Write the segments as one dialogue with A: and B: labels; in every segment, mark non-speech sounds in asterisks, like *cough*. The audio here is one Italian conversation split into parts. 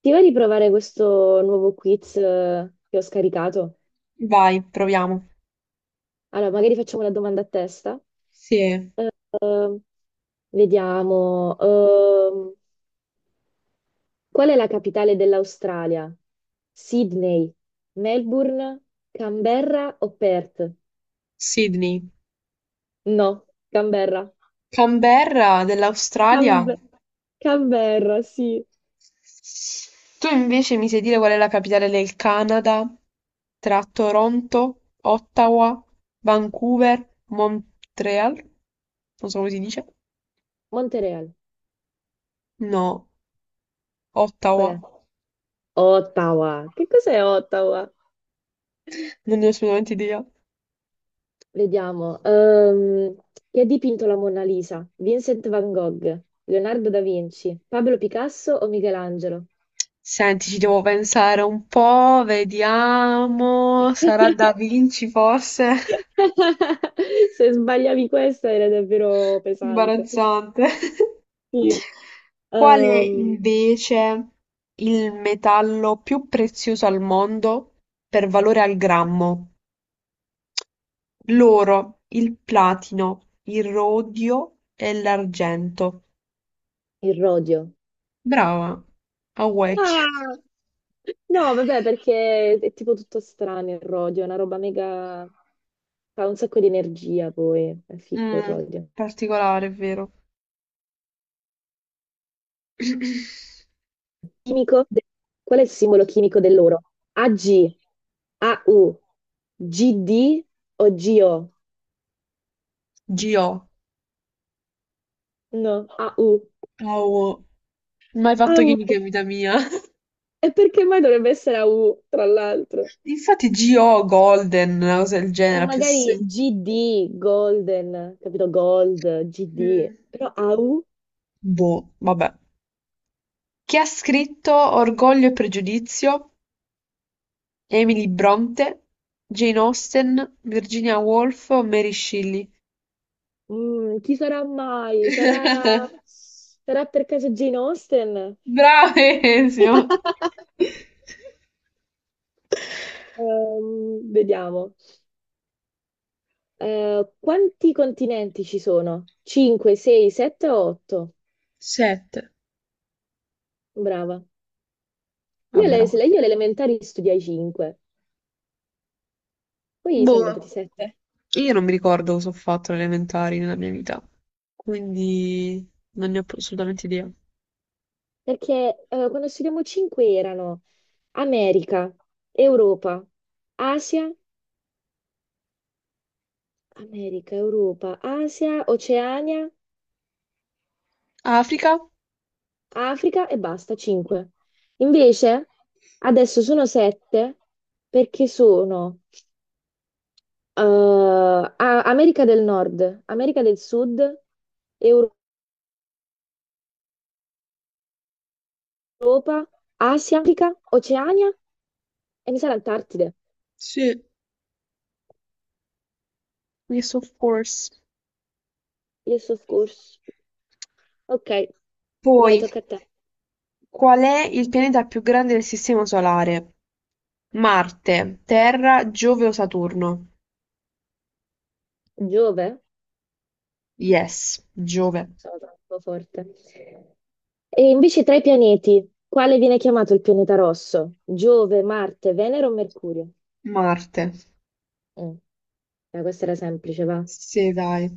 A: Ti va di provare questo nuovo quiz che ho scaricato?
B: Vai, proviamo.
A: Allora, magari facciamo la domanda a testa.
B: Sì,
A: Eh, eh, Vediamo. Qual è la capitale dell'Australia? Sydney, Melbourne, Canberra o Perth?
B: Sydney.
A: No, Canberra.
B: Canberra dell'Australia.
A: Canbe- Canberra, sì.
B: Tu invece mi sai dire qual è la capitale del Canada? Tra Toronto, Ottawa, Vancouver, Montreal? Non so come si dice.
A: Montreal,
B: No,
A: qual
B: Ottawa.
A: è? Ottawa. Che cos'è Ottawa?
B: Non ne ho assolutamente idea.
A: Vediamo. Chi ha dipinto la Mona Lisa? Vincent van Gogh, Leonardo da Vinci, Pablo Picasso o Michelangelo?
B: Senti, ci devo pensare un po', vediamo. Sarà
A: *laughs*
B: Da Vinci forse?
A: Se sbagliavi questa era davvero
B: *laughs*
A: pesante.
B: Imbarazzante.
A: Sì.
B: Qual è
A: Ehm,
B: invece il metallo più prezioso al mondo per valore al grammo? L'oro, il platino, il rodio e l'argento.
A: il rodio.
B: Brava, a Wecchia.
A: Ah! No, vabbè,
B: *laughs*
A: perché è tipo tutto strano il rodio, è una roba mega. Fa un sacco di energia poi, è figo il
B: Mm,
A: rodio.
B: particolare, è vero. *clears throat*
A: chimico de- Qual è il simbolo chimico dell'oro? AG, AU, GD o GO?
B: G.O.
A: No, AU.
B: Oh, mai fatto chimica
A: AU.
B: in vita mia. *laughs*
A: E perché mai dovrebbe essere AU, tra l'altro?
B: Infatti G.O. Golden, una cosa del
A: O
B: genere, più
A: magari
B: se...
A: GD, Golden, capito? Gold, GD.
B: Mm,
A: Però AU?
B: boh, vabbè. Chi ha scritto "Orgoglio e pregiudizio", Emily Brontë, Jane Austen, Virginia Woolf o Mary Shelley?
A: Chi sarà mai? Sarà,
B: *laughs*
A: sarà per caso Jane Austen?
B: Bravissimo!
A: Vediamo. Quanti continenti ci sono? 5, 6, 7 o 8?
B: Sette.
A: Brava. Io
B: Vabbè,
A: alle,
B: no.
A: se- Io alle elementari studiai 5, poi sono diventati
B: Boh,
A: 7,
B: io non mi ricordo cosa ho fatto alle elementari nella mia vita, quindi non ne ho assolutamente idea.
A: perché quando studiamo 5 erano America, Europa, Asia, America, Europa, Asia, Oceania,
B: Africa?
A: Africa e basta, 5. Invece adesso sono 7 perché sono eh, America del Nord, America del Sud, Europa, Asia, Africa, Oceania e mi sa l'Antartide.
B: Sì. Yes, of course.
A: Il soccorso. Ok,
B: Poi,
A: vai, tocca a te.
B: qual è il pianeta più grande del Sistema Solare? Marte, Terra, Giove o Saturno?
A: Giove?
B: Yes, Giove.
A: Sono troppo forte. E invece tra i pianeti, quale viene chiamato il pianeta rosso? Giove, Marte, Venere o Mercurio?
B: Marte.
A: Mm. Questa era semplice, va.
B: Sì, dai.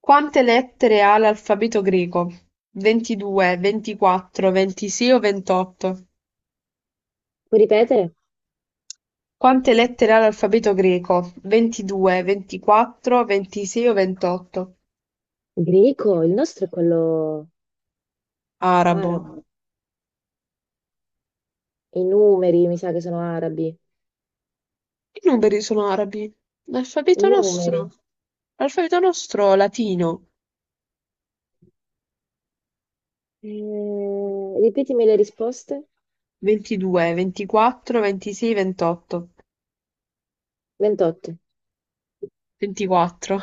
B: Quante lettere ha l'alfabeto greco? 22, 24, 26 o 28?
A: Puoi ripetere?
B: Quante lettere ha l'alfabeto greco? 22, 24, 26 o 28?
A: Greco, il nostro è quello
B: Arabo.
A: arabo. I numeri, mi sa che sono arabi.
B: I numeri sono arabi.
A: I
B: L'alfabeto
A: numeri.
B: nostro. L'alfabeto nostro latino.
A: Ripetimi le risposte.
B: 22, 24, 26, 28.
A: 28,
B: 24.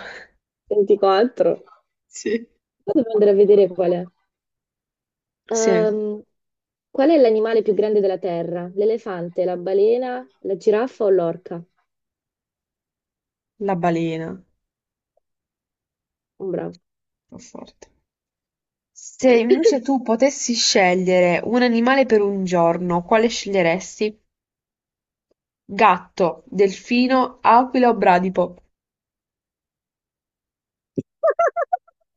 A: 24.
B: Sì.
A: Poi devo andare a vedere qual è.
B: Sì,
A: Ehm, Qual è l'animale più grande della Terra? L'elefante, la balena, la giraffa o l'orca?
B: la balena.
A: Un bravo.
B: Fa forte. Se invece tu potessi scegliere un animale per un giorno, quale sceglieresti? Gatto, delfino, aquila o bradipo?
A: *laughs*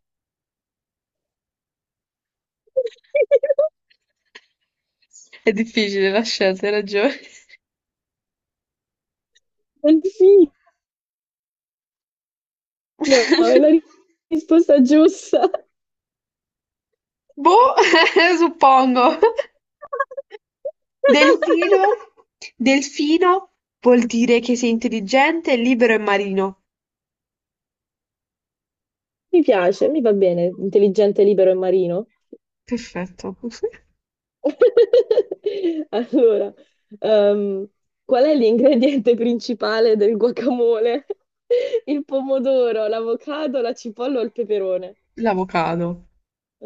B: È difficile la scelta, hai ragione.
A: Delfino, è la
B: *laughs*
A: risposta giusta.
B: Boh, *laughs* suppongo. Delfino?
A: *laughs*
B: Delfino vuol dire che sei intelligente, libero e marino.
A: Mi piace, mi va bene, intelligente, libero e marino.
B: Perfetto.
A: *laughs* Allora, ehm, qual è l'ingrediente principale del guacamole? *laughs* Il pomodoro, l'avocado, la cipolla o il peperone?
B: *laughs* L'avocado.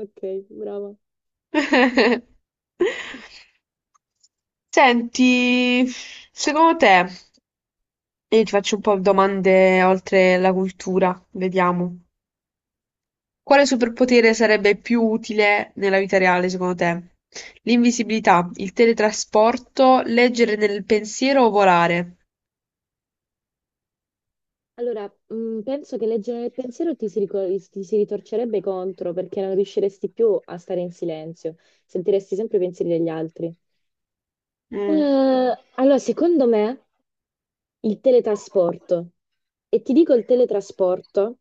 A: Ok, brava.
B: *laughs* Senti, secondo te, io ti faccio un po' domande oltre la cultura, vediamo. Quale superpotere sarebbe più utile nella vita reale, secondo te? L'invisibilità, il teletrasporto, leggere nel pensiero o volare?
A: Allora, penso che leggere nel pensiero ti si ritorcerebbe contro perché non riusciresti più a stare in silenzio, sentiresti sempre i pensieri degli altri.
B: Mh,
A: Allora, secondo me, il teletrasporto. E ti dico il teletrasporto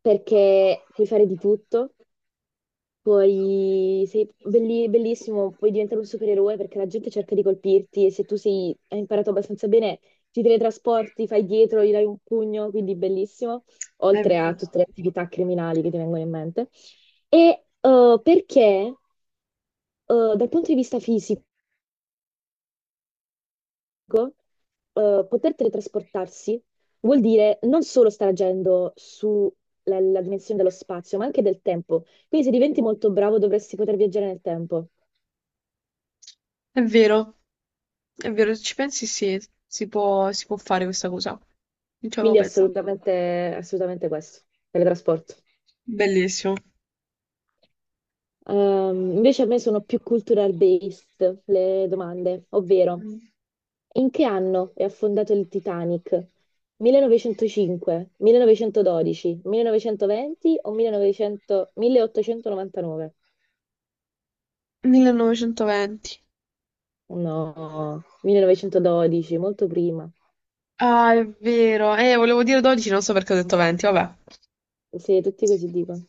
A: perché puoi fare di tutto. Poi sei bellissimo, puoi diventare un supereroe perché la gente cerca di colpirti e se hai imparato abbastanza bene, ti teletrasporti, fai dietro, gli dai un pugno, quindi bellissimo,
B: è
A: oltre a tutte
B: vero,
A: le attività criminali che ti vengono in mente. E perché dal punto di vista fisico, poter teletrasportarsi vuol dire non solo stare agendo sulla la dimensione dello spazio, ma anche del tempo. Quindi se diventi molto bravo dovresti poter viaggiare nel tempo.
B: è vero, è vero, se ci pensi sì, si può fare questa cosa. Non ci avevo
A: Quindi
B: pensato.
A: assolutamente, assolutamente questo, teletrasporto.
B: Bellissimo.
A: Invece a me sono più cultural based le domande, ovvero
B: Mm.
A: in che anno è affondato il Titanic? 1905, 1912, 1920 o 1900 1899?
B: 1920.
A: No, 1912, molto prima.
B: Ah, è vero. Volevo dire 12, non so perché ho detto 20, vabbè.
A: Sì, tutti così dicono.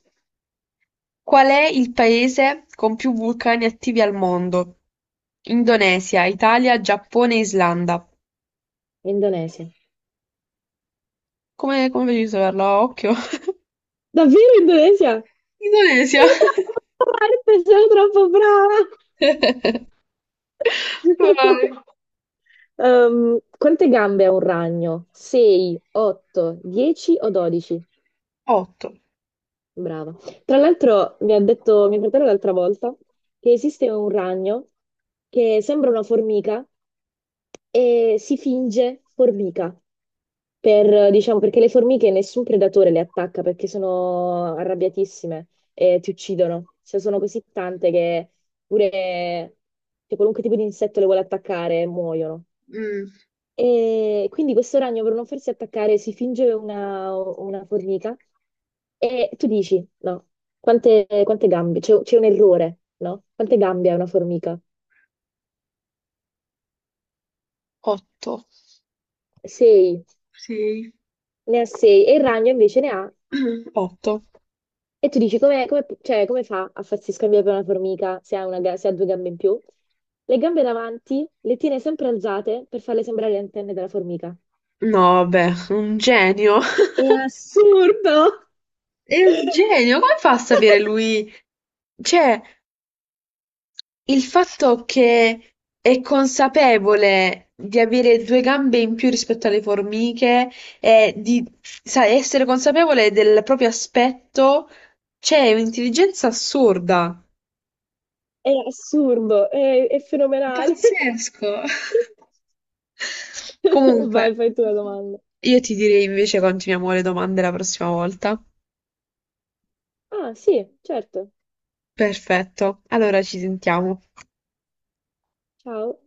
B: Qual è il paese con più vulcani attivi al mondo? Indonesia, Italia, Giappone, Islanda.
A: Indonesia.
B: Come facevi a saperlo? A occhio.
A: Davvero Indonesia?
B: *laughs* Indonesia.
A: Sono troppo forte, sono troppo brava!
B: *laughs* Vai.
A: *laughs* Quante gambe ha un ragno? 6, 8, 10 o 12?
B: 8,
A: Brava. Tra l'altro mi ha detto mio fratello l'altra volta che esiste un ragno che sembra una formica e si finge formica per, diciamo, perché le formiche nessun predatore le attacca perché sono arrabbiatissime e ti uccidono. Cioè sono così tante che pure, cioè, qualunque tipo di insetto le vuole attaccare e muoiono.
B: Mm,
A: E quindi questo ragno per non farsi attaccare si finge una formica e tu dici, no, quante gambe? C'è un errore, no? Quante gambe ha una formica?
B: 8,
A: Sei,
B: sei.
A: ne ha sei e il ragno invece ne ha.
B: 8.
A: E tu dici, cioè, come fa a farsi scambiare per una formica se ha due gambe in più? Le gambe davanti le tiene sempre alzate per farle sembrare le antenne della formica.
B: No, vabbè, un genio. *laughs*
A: È assurdo!
B: È un genio, come fa
A: *laughs*
B: a sapere lui? Cioè, il fatto che è consapevole di avere due gambe in più rispetto alle formiche e essere consapevole del proprio aspetto, c'è un'intelligenza assurda.
A: È assurdo, è fenomenale. *laughs*
B: Pazzesco. *laughs* Comunque,
A: Vai, fai tu la domanda.
B: io ti direi invece continuiamo le domande la prossima volta.
A: Ah, sì, certo.
B: Perfetto, allora ci sentiamo.
A: Ciao.